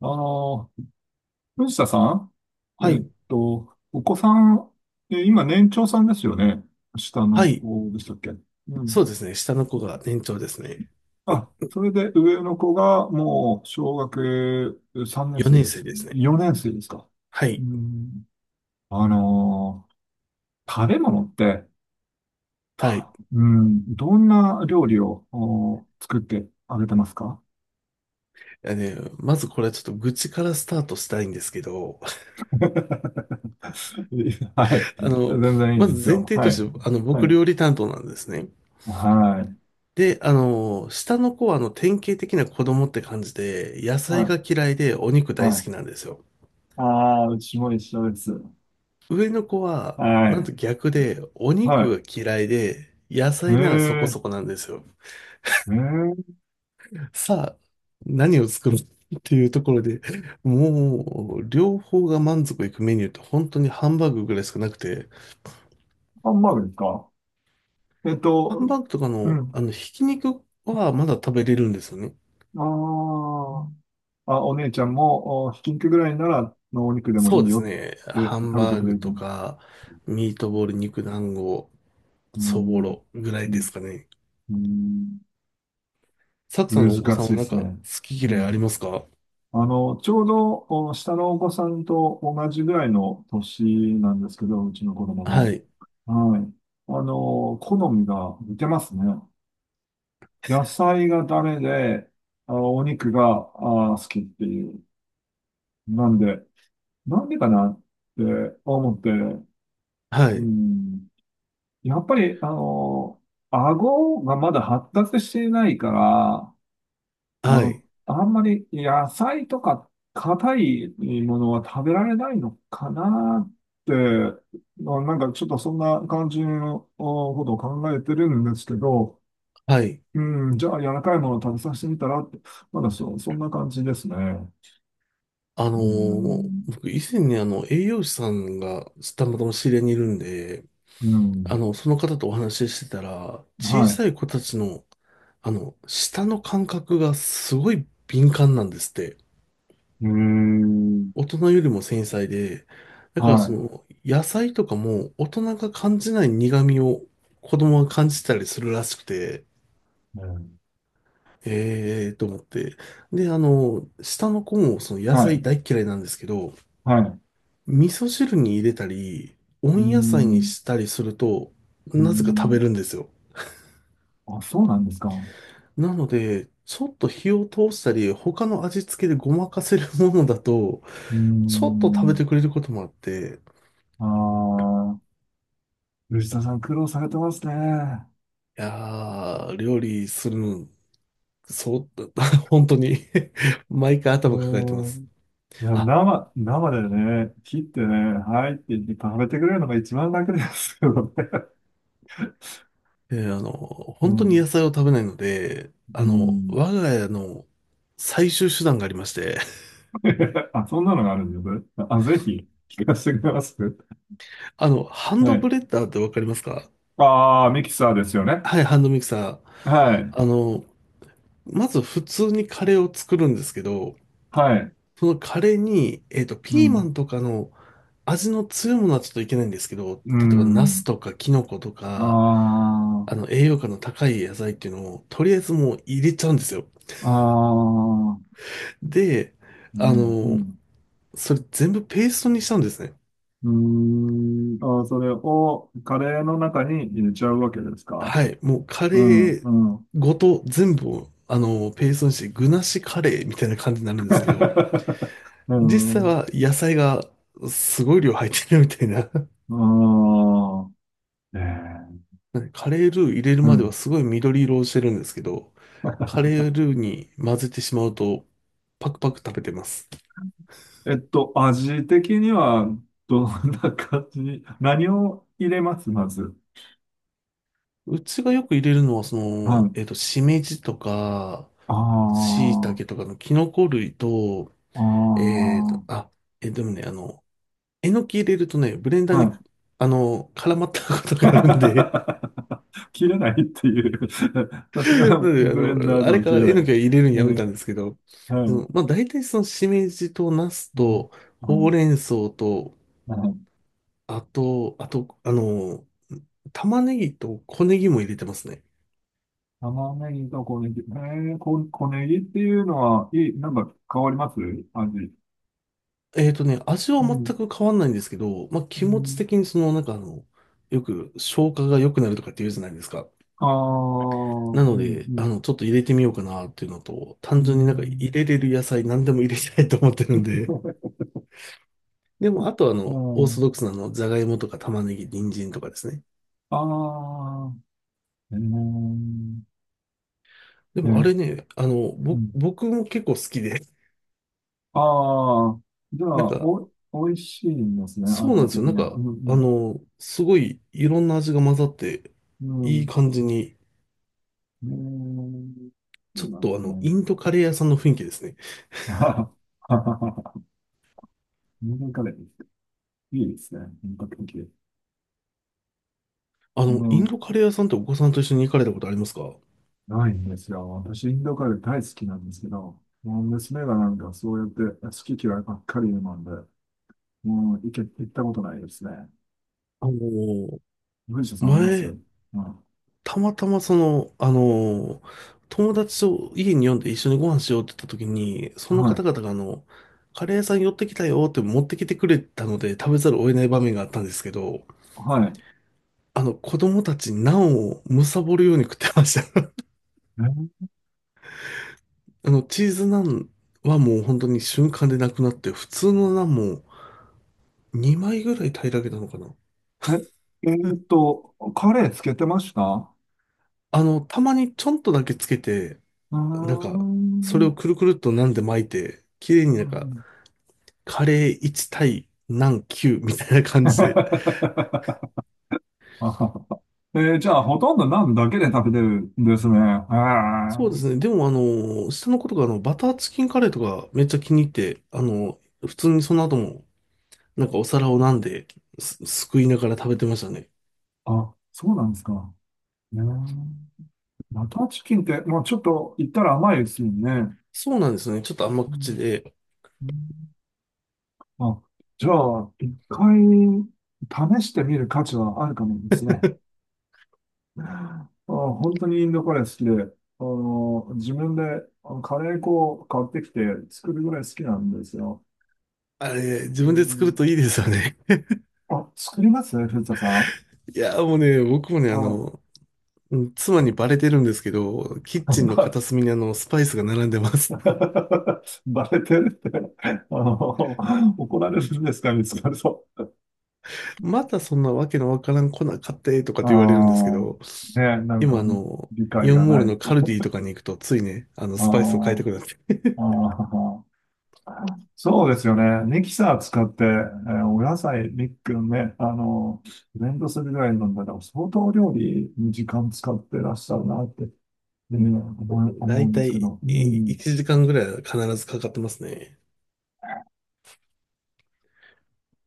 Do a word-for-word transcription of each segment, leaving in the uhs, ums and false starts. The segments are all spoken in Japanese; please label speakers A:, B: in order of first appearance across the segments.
A: あの、藤田さん、
B: は
A: えっ
B: い。
A: と、お子さん、え今年長さんですよね。下
B: は
A: の
B: い。
A: 子でしたっけ？うん。
B: そうですね。下の子が年長ですね。
A: あ、それで上の子がもう小学さんねん生
B: よねん
A: で
B: 生
A: す。
B: ですね。
A: よねん生ですか。
B: は
A: う
B: い。
A: ん。あの、食べ物って、
B: はい。
A: たうん、どんな料理をお作ってあげてますか？
B: あね、まずこれはちょっと愚痴からスタートしたいんですけど、
A: はい。
B: あ
A: 全
B: の、
A: 然いい
B: ま
A: で
B: ず
A: す
B: 前
A: よ。
B: 提
A: は
B: と
A: い。
B: して、あの、
A: は
B: 僕
A: い。
B: 料理担当なんですね。
A: はい。
B: で、あの、下の子はあの、典型的な子供って感じで、野菜
A: は
B: が嫌いでお肉
A: い。
B: 大
A: は
B: 好
A: い。
B: きなんですよ。
A: ああ、うちも一緒です。
B: 上の子は、
A: は
B: なん
A: い。
B: と逆で、お
A: は
B: 肉
A: い。
B: が嫌いで、野
A: え
B: 菜ならそこ
A: え、
B: そこなんですよ。
A: ええ、
B: さあ、何を作るっていうところで、もう、両方が満足いくメニューって本当にハンバーグぐらいしかなくて、
A: ハンバーグですか。えっ
B: ハン
A: と、
B: バーグとか
A: う
B: の、
A: ん。
B: あの、ひき肉はまだ食べれるんですよね。
A: ああ、あ、お姉ちゃんも、おひき肉ぐらいなら、のお肉でもい
B: そう
A: い
B: です
A: よっ
B: ね。
A: て
B: ハン
A: 食べ
B: バ
A: て
B: ー
A: くれ
B: グ
A: る
B: と
A: の？
B: か、ミートボール、肉団子、
A: う
B: そぼ
A: ん、
B: ろぐら
A: う
B: いで
A: ん、
B: すかね。
A: うん、
B: サクさん
A: 難
B: のお子さん
A: しい
B: は
A: で
B: なん
A: す
B: か好
A: ね。
B: き
A: う
B: 嫌いあり
A: ん。
B: ますか？
A: あの、ちょうど、お下のお子さんと同じぐらいの年なんですけど、うちの子供
B: は
A: も。
B: い、
A: はい。あの、好みが似てますね。野菜がダメで、あお肉が、あ好きっていう。なんで、なんでかなって思って、
B: は
A: う
B: い、
A: ん。やっぱり、あの、顎がまだ発達していないから、あ
B: は
A: の、
B: い、
A: あんまり野菜とか硬いものは食べられないのかなって、まあなんかちょっとそんな感じのことを考えてるんですけど、
B: はい。
A: うん、じゃあ、柔らかいものを食べさせてみたらって、まだそ、そんな感じですね。
B: あ
A: う
B: の
A: ん、
B: ー僕以前にあの栄養士さんがたまたま知り合いにいるんで、あの、その方とお話ししてたら、小さい子たちの、あの、舌の感覚がすごい敏感なんですって。大人よりも繊細で、だからその、野菜とかも大人が感じない苦味を子供が感じたりするらしくて、
A: うん、
B: ええー、と思って。で、あの、下の子もその野
A: はい、へー、はい。え
B: 菜
A: ー、
B: 大っ嫌いなんですけど、
A: はい、はい、
B: 味噌汁に入れたり、
A: う
B: 温野菜に
A: ん、
B: したりすると、
A: う
B: なぜか食べ
A: ん。
B: るんですよ。
A: あ、そうなんですか。
B: なので、ちょっと火を通したり、他の味付けでごまかせるものだと、
A: う
B: ちょっと食べ
A: ん。
B: てくれることもあって、
A: ああ、吉田さん苦労されてますね。
B: いやー、料理するの、そう、本当に 毎回頭抱えてま
A: うん。
B: す。
A: いや、
B: あ、
A: 生、生でね、切ってね、はいって言って食べてくれるのが一番楽ですよね。
B: えーあの、
A: う
B: 本当に
A: ん、
B: 野菜を食べないので、
A: う
B: あの、
A: ん。
B: 我が家の最終手段がありまして、
A: あ、そんなのがあるんですよ、それ、あ、ぜひ、聞かせてくれます？
B: あの、ハン
A: は
B: ドブ
A: い。
B: レッダーってわかりますか？
A: ああ、ミキサーですよね。
B: はい、ハンドミキサー。
A: はい。
B: あの、まず普通にカレーを作るんですけど、
A: はい。
B: そのカレーに、えっと、
A: う
B: ピーマ
A: ん。
B: ンとかの味の強いものはちょっといけないんですけど、
A: う
B: 例えばナス
A: ん。
B: とかキノコと
A: あ
B: か、あの、栄養価の高い野菜っていうのを、とりあえずもう入れちゃうんですよ。
A: あ、ああ、
B: で、
A: う
B: あ
A: ん、う
B: の、
A: ん。
B: それ全部ペーストにしたんですね。
A: うーん、あー、それをカレーの中に入れちゃうわけですか？
B: はい。もうカ
A: う
B: レ
A: ん、
B: ー
A: うん。
B: ごと全部を、あの、ペーストにして、具なしカレーみたいな感じになるんですけど、実際は野菜がすごい量入ってるみたいな、
A: うん、ああ、ええ、
B: なんでカレールー入れる
A: う
B: までは
A: ん。
B: すごい緑色をしてるんですけど、カレールーに混ぜてしまうとパクパク食べてます。
A: えっと、味的には、どんな感じに、何を入れます、まず？
B: うちがよく入れるのはそ
A: は
B: の、
A: い。
B: えっと、しめじとか、
A: あ
B: しいたけ
A: あ、
B: とかのキノコ類と、
A: あ
B: えっと、あ、え、でもね、あの、えのき入れるとね、ブレンダ
A: あ、
B: ー
A: は
B: に、
A: い。
B: あの、絡まったことがあるんで、
A: 切れないっていう。さすが
B: なので、あ
A: ブレンダー
B: の、
A: で
B: あれ
A: は
B: か
A: 切
B: ら
A: れ
B: え
A: な
B: の
A: い。
B: きは入れるのやめ
A: ね、
B: たんですけど、
A: は
B: そ
A: い。
B: の、まあ、大体そのしめじとナス
A: うん、
B: と、
A: は
B: ほうれ
A: い。
B: ん草と、
A: はい、
B: あと、あと、あの、玉ねぎと小ネギも入れてますね。
A: 玉ねぎと小ネギ。えー、こ、小ネギっていうのは、いい、なんか変わります、味？
B: えっとね、味は
A: う
B: 全
A: ん。
B: く変わんないんですけど、まあ、
A: う
B: 気持ち
A: ん。
B: 的にその、なんかあの、よく消化が良くなるとかって言うじゃないですか。
A: ああ、う
B: なの
A: ん、
B: で、
A: う
B: あ
A: ん。
B: の、ちょっと入れてみようかなっていうのと、
A: う
B: 単純になんか入
A: ん。
B: れれる野菜何でも入れたいと思ってるんで。でも、あとあ
A: う
B: の、オーソ
A: ん、
B: ドックスなあの、じゃがいもとか玉ねぎ、人参とかですね。
A: ああ、えー、
B: でもあ
A: ね、
B: れね、あの、
A: う
B: ぼ、
A: ん。
B: 僕も結構好きで、
A: ああ、じゃあ、
B: なんか、
A: お、美味しいんですね、
B: そうなん
A: 味
B: ですよ。
A: 的
B: な
A: に
B: ん
A: は。う
B: か、あ
A: ん、
B: の、すごいいろんな味が混ざって、
A: う
B: いい
A: ん、
B: 感じに、
A: うん。えー、い
B: ち
A: い
B: ょっ
A: なんで
B: とあ
A: すね。
B: の、インドカレー屋さんの雰囲気ですね。
A: インドカレー、いいですね、本格的。
B: あの、
A: う
B: イン
A: ん、
B: ドカレー屋さんってお子さんと一緒に行かれたことありますか？
A: ないんですよ。私、インドカレー大好きなんですけど、もう娘がなんかそうやって好き嫌いばっかりなうんで、もう行け、行ったことないですね。
B: あの、
A: 文章さんあります？う
B: 前、
A: ん、
B: たまたまその、あの、友達と家に呼んで一緒にご飯しようって言った時に、そ
A: は
B: の方
A: い、
B: 々があの、カレー屋さん寄ってきたよって持ってきてくれたので食べざるを得ない場面があったんですけど、
A: はい。
B: あの、子供たちナンを貪るように食ってました。
A: えー
B: あの、チーズナンはもう本当に瞬間でなくなって、普通のナンもにまいぐらい平らげたのかな。
A: え、えーっと、カレーつけてました？
B: あの、たまにちょんとだけつけて、
A: う
B: なん
A: ー
B: か、それを
A: ん。
B: くるくるっとナンで巻いて、綺麗になんか、カレーいち対ナンきゅうみたいな感じで。
A: えーじゃあ、ほとんどナンだけで食べてるんですね。へー、
B: そうですね。でもあの、下の子とかあの、バターチキンカレーとかめっちゃ気に入って、あの、普通にその後も、なんかお皿をナンです、すくいながら食べてましたね。
A: あ、そうなんですか。ねえ、バターチキンって、まあ、ちょっと言ったら甘いですよね。
B: そうなんですね。ちょっと甘
A: う
B: 口
A: ん、
B: で。
A: うん、あ、じゃあ、いっかい試してみる価値はあるかもですね。あー、本当にインドカレー好きで、あの、自分であのカレー粉を買ってきて作るぐらい好きなんですよ。
B: あれ、自
A: う
B: 分で作る
A: ん、
B: といいですよね。
A: あ、作りますね、藤田さん。
B: いや、もうね、僕もね、あ
A: あ、
B: の、うん妻にバレてるんですけど、キッチンの
A: ば、
B: 片隅にあの、スパイスが並んでます。
A: バレてるって、あの、怒られるんですか、見つかると？
B: またそんなわけのわからん粉買ってとかっ
A: あ
B: て言われるんですけど、
A: あ、ね、なんか
B: 今あの、
A: 理
B: イ
A: 解
B: オン
A: が
B: モー
A: な
B: ル
A: いっ
B: の
A: て。
B: カルディとかに行くと、ついね、あの、スパイスを買いた
A: あ
B: くなって。
A: あ、ああ、そうですよね。ミキサー使って、えーお野菜、ミックね、あの、ブレンドするぐらいなんだから、相当料理に時間使ってらっしゃるなって、えー思い、
B: だ
A: 思う
B: い
A: んで
B: た
A: すけ
B: い
A: ど。うん。
B: いちじかんぐらいは必ずかかってますね。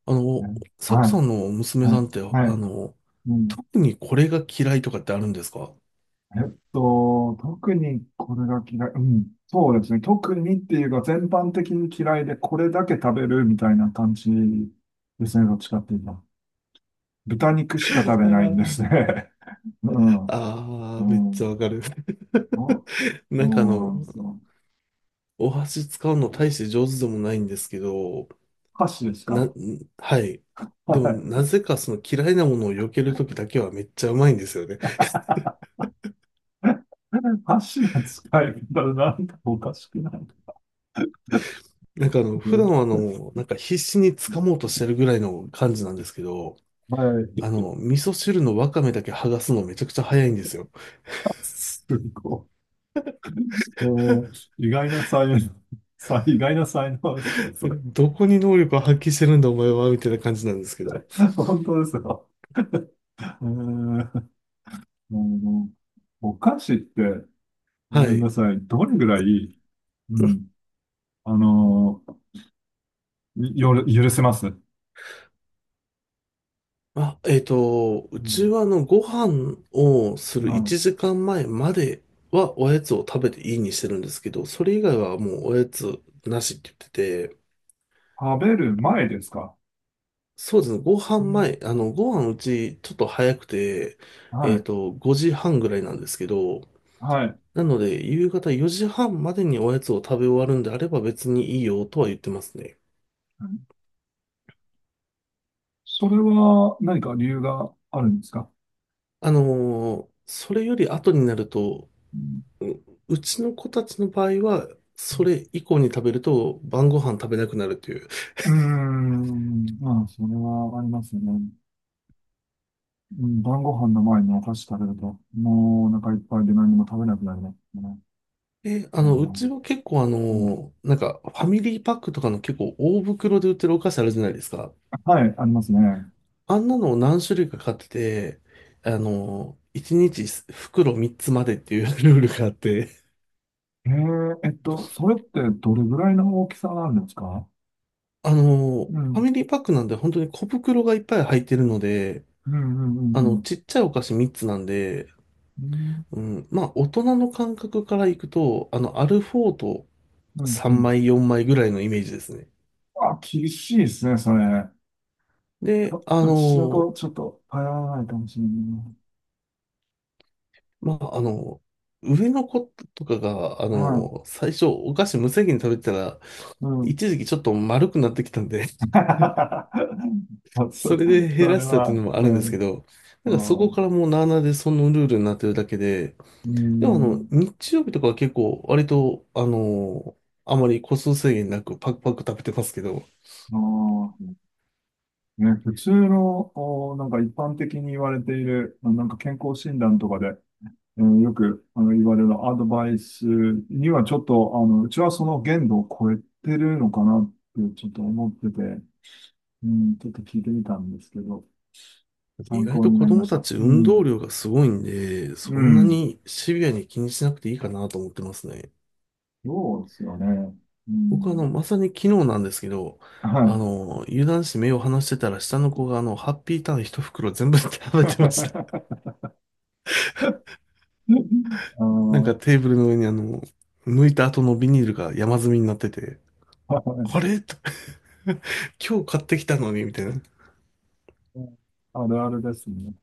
B: あ
A: ね、
B: の、サク
A: はい、
B: さんの娘
A: は
B: さ
A: い、
B: んって、
A: は
B: あ
A: い。
B: の、
A: うん。
B: 特にこれが嫌いとかってあるんですか？
A: えっと、特にこれが嫌い。うん。そうですね。特にっていうか、全般的に嫌いで、これだけ食べるみたいな感じですね。どっちかっていうと。豚肉しか食べないんですね。うん。
B: あ
A: う
B: あー、めっちゃ
A: ん。
B: わかる。
A: そ
B: なんかあ
A: う
B: の、
A: なんですよ。
B: お箸使うの大して上手でもないんですけど、
A: 歌詞です
B: な、
A: か？
B: はい。でも、
A: はい。
B: なぜかその嫌いなものを避けるときだけはめっちゃうまいんですよね。
A: 歌詞の使い方なんかおかしくない？
B: なんかあの、普段はあ
A: ね、
B: の、なんか必死に掴もうとしてるぐらいの感じなんですけど、
A: は
B: あ
A: い。
B: の、味噌汁のわかめだけ剥がすのめちゃくちゃ早いんですよ。
A: すごい。でも意外な才能、さ、意外な才能ですね、それ。
B: どこに能力を発揮してるんだお前は、みたいな感じなんですけど。
A: 本当ですよ。えー、あの、お菓子って、ご
B: は
A: めん
B: い。
A: なさい、どれぐらい、うん、あの、よる、許せます？う
B: あ、えっと、うち
A: ん、
B: はあの、ご飯をする
A: あの、
B: いちじかんまえまえまではおやつを食べていいにしてるんですけど、それ以外はもうおやつなしって言ってて、
A: 食べる前ですか？
B: そうですね、ご飯
A: うん、
B: 前、あの、ご飯うちちょっと早くて、
A: は
B: えっ
A: い、
B: と、ごじはんぐらいなんですけど、
A: はい。
B: なので、夕方よじはんまでにおやつを食べ終わるんであれば別にいいよとは言ってますね。
A: それは何か理由があるんですか？
B: あのーそれより後になると、
A: うん、
B: う、うちの子たちの場合は、それ以降に食べると晩ご飯食べなくなるという。
A: うーん、まあ、それはありますよね。うん、晩ご飯の前にお菓子食べると、もうお腹いっぱいで何も食べなくなりますよね。
B: で、あ
A: あ
B: の、う
A: ー、
B: ちは結構あ
A: うん、
B: の、なんかファミリーパックとかの結構大袋で売ってるお菓子あるじゃないですか。
A: はい、ありますね。
B: あんなのを何種類か買ってて、あの、いちにち袋みっつまでっていう ルールがあって、
A: えー、えっと、それってどれぐらいの大きさなんですか？
B: あの、
A: う
B: ファ
A: ん、
B: ミリーパックなんで本当に小袋がいっぱい入ってるので、
A: うん、うん、う
B: あの、
A: ん、
B: ちっちゃいお菓子みっつなんで、
A: うん、
B: うん、まあ、大人の感覚からいくと、あの、アルフォート
A: うん、う
B: 3
A: ん。
B: 枚、よんまいぐらいのイメージですね。
A: あ、厳しいですね、それ。
B: で、
A: あ、
B: あ
A: うちの子、
B: の、
A: ちょっと、頼らないかもしれない。
B: まあ、あの、上の子とかが、あ
A: は
B: の、最初お菓子無制限に食べてたら、
A: い、うん、
B: 一時期ちょっと丸くなってきたんで、そ
A: そ、
B: れで減
A: そ
B: ら
A: れ
B: したっていう
A: は、
B: のもあ
A: う
B: るんですけ
A: ん、
B: ど、
A: あ
B: なんかそこ
A: ー、
B: からもうなあなあでそのルールになってるだけで、
A: うー
B: でもあの、
A: ん、
B: 日曜日とかは結構割と、あの、あまり個数制限なくパクパク食べてますけど、
A: あー、ね、普通の、お、なんか一般的に言われている、あなんか健康診断とかで、えーよくあの言われるアドバイスにはちょっと、あの、うちはその限度を超えてるのかなってちょっと思ってて、うん、ちょっと聞いてみたんですけど、
B: 意
A: 参
B: 外
A: 考
B: と
A: に
B: 子
A: なりま
B: 供
A: し
B: た
A: た。
B: ち
A: う
B: 運
A: ん、
B: 動量がすごいんで、
A: う
B: そんな
A: ん、
B: にシビアに気にしなくていいかなと思ってますね。
A: そうですよね。う
B: 僕はあ
A: ん、
B: の、まさに昨日なんですけど、
A: は
B: あ
A: い。
B: の、油断して目を離してたら下の子があの、ハッピーターンひとふくろ全部 食べてました。
A: うん、
B: なんかテーブルの上にあの、剥いた後のビニールが山積みになってて、
A: あー、はい。
B: あれと 今日買ってきたのに、みたいな。
A: あるあるですね。